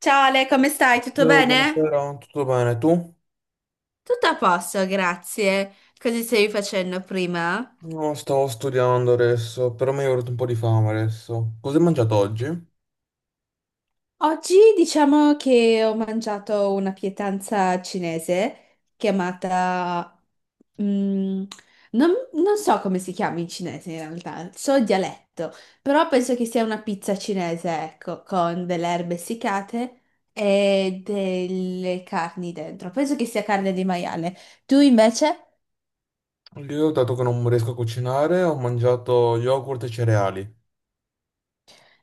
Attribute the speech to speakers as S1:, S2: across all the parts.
S1: Ciao Ale, come stai? Tutto bene?
S2: Buonasera, tutto bene? Tu?
S1: Tutto a posto, grazie. Cosa stavi facendo prima?
S2: No, stavo studiando adesso, però mi è venuto un po' di fame adesso. Cosa hai mangiato oggi?
S1: Oggi diciamo che ho mangiato una pietanza cinese chiamata... mm, non so come si chiama in cinese in realtà, so il dialetto, però penso che sia una pizza cinese, ecco, con delle erbe essiccate e delle carni dentro. Penso che sia carne di maiale. Tu invece?
S2: Io, dato che non riesco a cucinare, ho mangiato yogurt e cereali.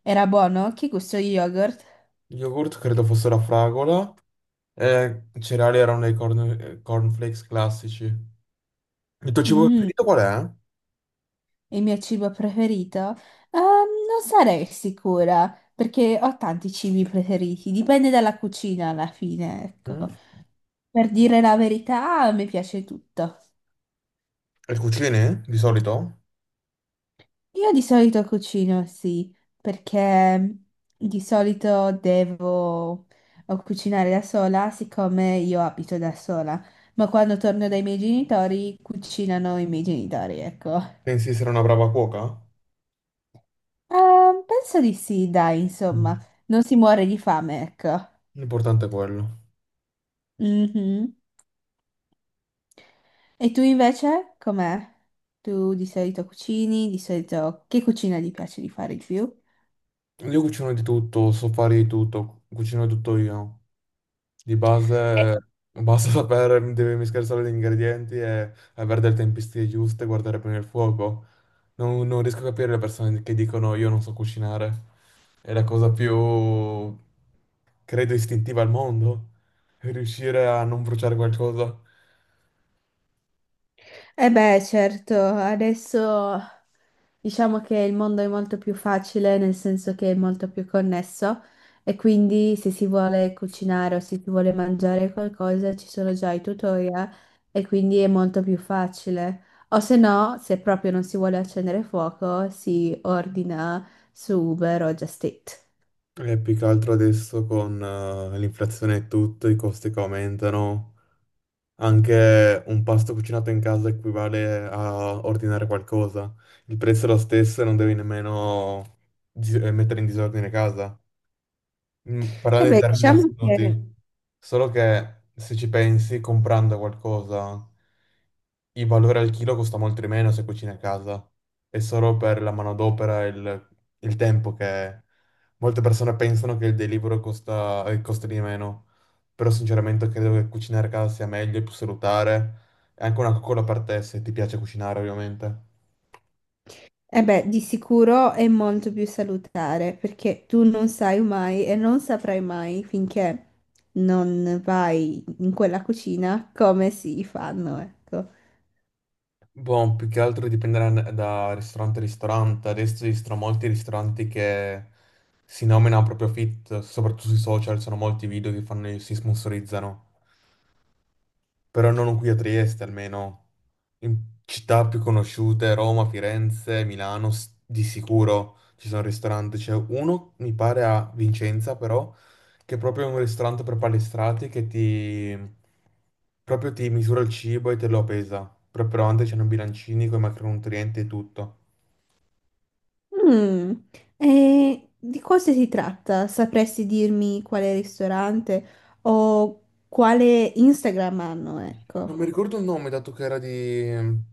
S1: Era buono? Che gusto yogurt?
S2: Yogurt credo fosse la fragola e i cereali erano dei cornflakes classici. Il tuo cibo
S1: Mm,
S2: preferito qual
S1: il mio cibo preferito? Non sarei sicura, perché ho tanti cibi preferiti, dipende dalla cucina alla fine,
S2: è?
S1: ecco.
S2: Mm?
S1: Per dire la verità, mi piace tutto.
S2: E cucini, di solito?
S1: Io di solito cucino, sì, perché di solito devo o cucinare da sola, siccome io abito da sola, ma quando torno dai miei genitori, cucinano i miei genitori, ecco.
S2: Pensi di essere una brava cuoca?
S1: Penso di sì, dai,
S2: Mm.
S1: insomma, non si muore di fame, ecco.
S2: L'importante è quello.
S1: Mhm. E tu invece, com'è? Tu di solito cucini, di solito che cucina ti piace di fare di più?
S2: Io cucino di tutto, so fare di tutto, cucino tutto io. Di base basta sapere, devi mischiare solo gli ingredienti e avere delle tempistiche giuste, guardare bene il fuoco. Non riesco a capire le persone che dicono io non so cucinare. È la cosa più, credo, istintiva al mondo. Riuscire a non bruciare qualcosa.
S1: Eh beh, certo, adesso diciamo che il mondo è molto più facile, nel senso che è molto più connesso e quindi se si vuole cucinare o se si vuole mangiare qualcosa ci sono già i tutorial e quindi è molto più facile. O se no, se proprio non si vuole accendere fuoco, si ordina su Uber o Just Eat.
S2: E più che altro adesso con l'inflazione e tutto, i costi che aumentano. Anche un pasto cucinato in casa equivale a ordinare qualcosa. Il prezzo è lo stesso e non devi nemmeno mettere in disordine casa. Mm,
S1: E
S2: parlando in
S1: beh,
S2: termini
S1: diciamo che
S2: assoluti, solo che se ci pensi, comprando qualcosa. Il valore al chilo costa molto di meno se cucini a casa. È solo per la manodopera e il tempo che molte persone pensano che il delivery costa, costi di meno. Però sinceramente credo che cucinare a casa sia meglio, è più salutare. È anche una coccola per te se ti piace cucinare, ovviamente.
S1: eh beh, di sicuro è molto più salutare perché tu non sai mai e non saprai mai finché non vai in quella cucina come si fanno, ecco.
S2: Boh, più che altro dipende da ristorante a ristorante. Adesso esistono molti ristoranti che si nominano proprio fit, soprattutto sui social, sono molti video che fanno, si sponsorizzano. Però non qui a Trieste almeno, in città più conosciute, Roma, Firenze, Milano, di sicuro ci sono ristoranti, c'è uno mi pare a Vicenza però, che è proprio un ristorante per palestrati che ti... proprio ti misura il cibo e te lo pesa, proprio davanti c'hanno i bilancini con i macronutrienti e tutto.
S1: Mm, e di cosa si tratta? Sapresti dirmi quale ristorante o quale Instagram hanno, ecco.
S2: Non mi ricordo il nome, dato che era di...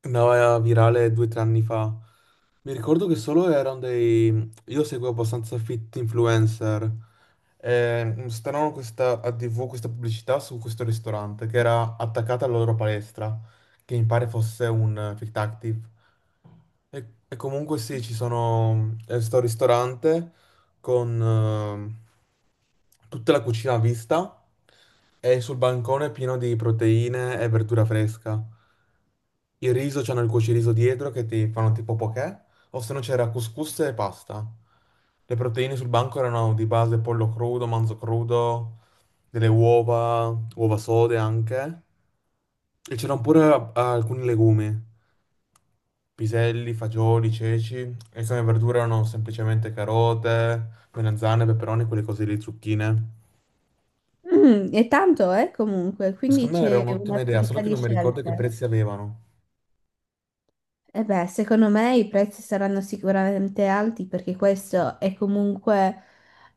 S2: andava virale due o tre anni fa. Mi ricordo che solo erano dei... Io seguo abbastanza fit influencer. E mm, stavano questa, a TV questa pubblicità su questo ristorante che era attaccata alla loro palestra, che mi pare fosse un Fit Active. E comunque sì, ci sono... sto al ristorante con tutta la cucina a vista e sul bancone pieno di proteine e verdura fresca. Il riso, c'hanno il cuociriso dietro che ti fanno tipo poké, o se no c'era couscous e pasta. Le proteine sul banco erano di base pollo crudo, manzo crudo, delle uova, uova sode anche. E c'erano pure alcuni legumi. Piselli, fagioli, ceci e come verdura erano semplicemente carote, melanzane, peperoni, quelle cose lì, zucchine.
S1: Mm, è tanto, comunque,
S2: E
S1: quindi
S2: secondo me era
S1: c'è una
S2: un'ottima idea, solo
S1: varietà
S2: che
S1: di
S2: non mi ricordo che
S1: scelte.
S2: prezzi avevano.
S1: E beh, secondo me i prezzi saranno sicuramente alti perché questo è comunque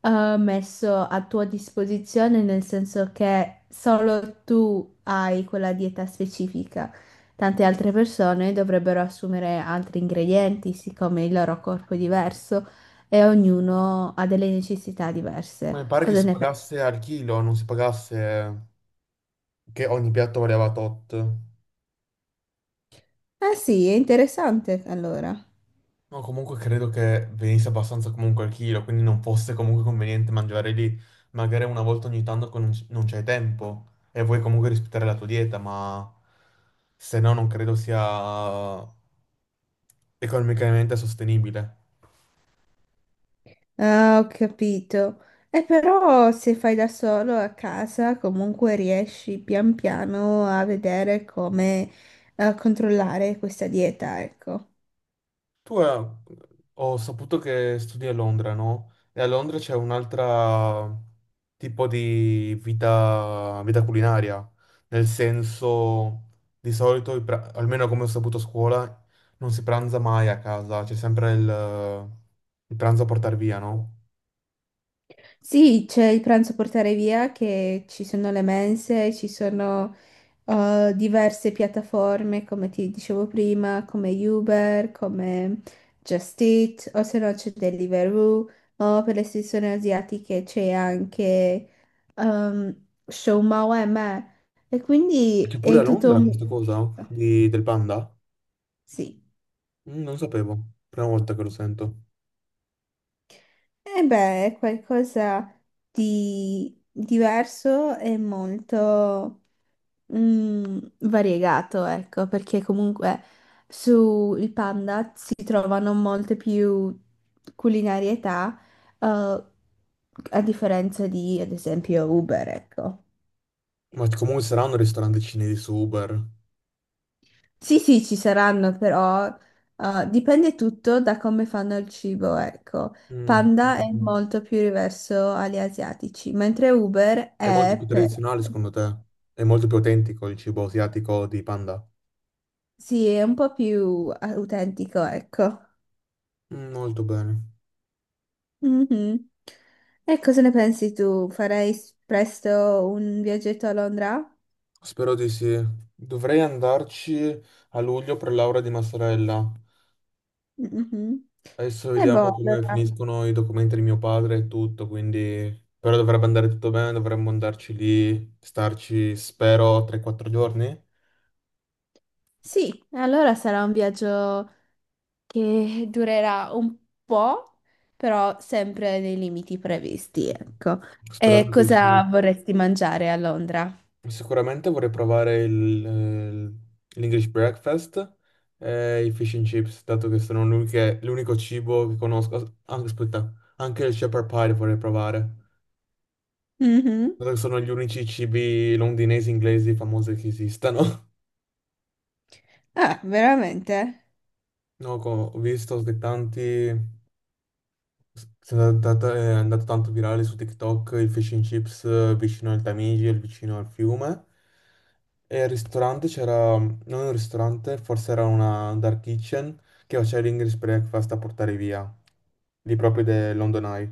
S1: messo a tua disposizione, nel senso che solo tu hai quella dieta specifica. Tante altre persone dovrebbero assumere altri ingredienti, siccome il loro corpo è diverso e ognuno ha delle necessità
S2: Ma mi
S1: diverse.
S2: pare che
S1: Cosa
S2: si
S1: ne pensi?
S2: pagasse al chilo, non si pagasse che ogni piatto valeva tot.
S1: Ah sì, è interessante allora.
S2: No, comunque credo che venisse abbastanza comunque al chilo, quindi non fosse comunque conveniente mangiare lì. Magari una volta ogni tanto che non c'è tempo e vuoi comunque rispettare la tua dieta, ma se no non credo sia economicamente sostenibile.
S1: Ah, ho capito. E però se fai da solo a casa, comunque riesci pian piano a vedere come controllare questa dieta, ecco.
S2: Tu ho saputo che studi a Londra, no? E a Londra c'è un'altra tipo di vita, vita culinaria, nel senso di solito, almeno come ho saputo a scuola, non si pranza mai a casa, c'è sempre il pranzo a portare via, no?
S1: Sì, c'è il pranzo a portare via, che ci sono le mense, ci sono diverse piattaforme, come ti dicevo prima, come Uber, come Just Eat, o se no c'è Deliveroo, o per le sezioni asiatiche c'è anche Showmao e me. E
S2: E
S1: quindi
S2: c'è pure
S1: è
S2: a
S1: tutto
S2: Londra
S1: un...
S2: questa, mm, cosa del panda?
S1: Sì,
S2: Mm, non sapevo, prima volta che lo sento.
S1: e beh, è qualcosa di diverso e molto... Mm, variegato, ecco, perché comunque sul Panda si trovano molte più culinarietà, eh, a differenza di, ad esempio, Uber, ecco.
S2: Ma comunque saranno ristoranti cinesi super.
S1: Sì, sì, ci saranno, però, dipende tutto da come fanno il cibo, ecco.
S2: Mm.
S1: Panda è molto più riverso agli asiatici, mentre Uber
S2: È molto più
S1: è per...
S2: tradizionale secondo te? È molto più autentico il cibo asiatico di Panda?
S1: Sì, è un po' più autentico, ecco.
S2: Mm, molto bene.
S1: Mhm. E cosa ne pensi tu? Farei presto un viaggetto a Londra?
S2: Spero di sì. Dovrei andarci a luglio per laurea di massorella.
S1: Mhm.
S2: Adesso
S1: E
S2: vediamo
S1: boh,
S2: come
S1: allora...
S2: finiscono i documenti di mio padre e tutto, quindi... Però dovrebbe andare tutto bene, dovremmo andarci lì, starci, spero, 3-4 giorni.
S1: Sì, allora sarà un viaggio che durerà un po', però sempre nei limiti previsti, ecco. E
S2: Sperando che il cibo...
S1: cosa vorresti mangiare a Londra?
S2: Sicuramente vorrei provare il, l'English breakfast e i fish and chips, dato che sono l'unico cibo che conosco. Anche, aspetta, anche il shepherd pie vorrei provare,
S1: Mhm.
S2: dato che sono gli unici cibi londinesi inglesi famosi che esistano.
S1: Ah, veramente?
S2: No, ho visto che tanti è andato tanto virale su TikTok il fish and chips vicino al Tamigi, il vicino al fiume. E al ristorante c'era, non un ristorante, forse era una dark kitchen che faceva l'English breakfast a portare via, lì proprio del London Eye.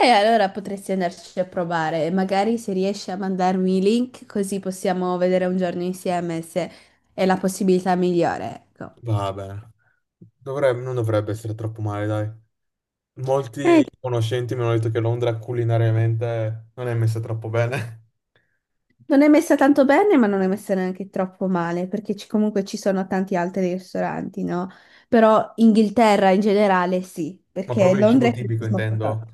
S1: E allora potresti andarci a provare, magari se riesci a mandarmi i link così possiamo vedere un giorno insieme se è la possibilità migliore, ecco.
S2: Vabbè, non dovrebbe essere troppo male, dai.
S1: Eh,
S2: Molti conoscenti mi hanno detto che Londra culinariamente non è messa troppo bene,
S1: non è messa tanto bene, ma non è messa neanche troppo male, perché comunque ci sono tanti altri ristoranti, no? Però Inghilterra in generale sì,
S2: ma
S1: perché
S2: proprio il
S1: Londra
S2: cibo
S1: è più
S2: tipico
S1: cosmopolita.
S2: intendo.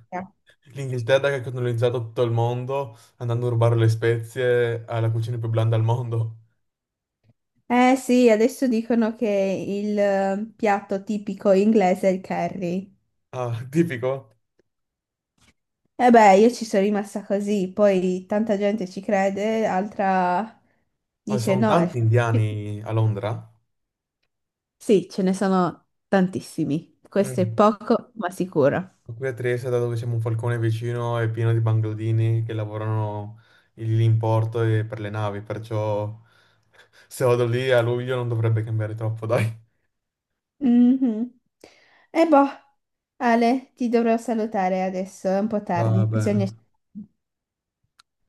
S2: L'Inghilterra che ha colonizzato tutto il mondo andando a rubare le spezie alla cucina più blanda al mondo.
S1: Eh sì, adesso dicono che il piatto tipico inglese è il curry.
S2: Ah, tipico.
S1: E beh, io ci sono rimasta così, poi tanta gente ci crede, altra
S2: Ah, ci
S1: dice
S2: sono
S1: no.
S2: tanti indiani a Londra.
S1: Sì, ce ne sono tantissimi. Questo è
S2: Mm.
S1: poco, ma sicuro.
S2: Qui a Trieste, dato che siamo un falcone vicino, è pieno di bangladini che lavorano lì in porto e per le navi, perciò se vado lì a luglio non dovrebbe cambiare troppo, dai.
S1: Mhm. E boh, Ale, ti dovrò salutare adesso, è un po'
S2: Va
S1: tardi,
S2: bene.
S1: bisogna...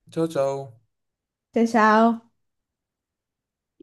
S2: Ciao ciao.
S1: Ciao, ciao.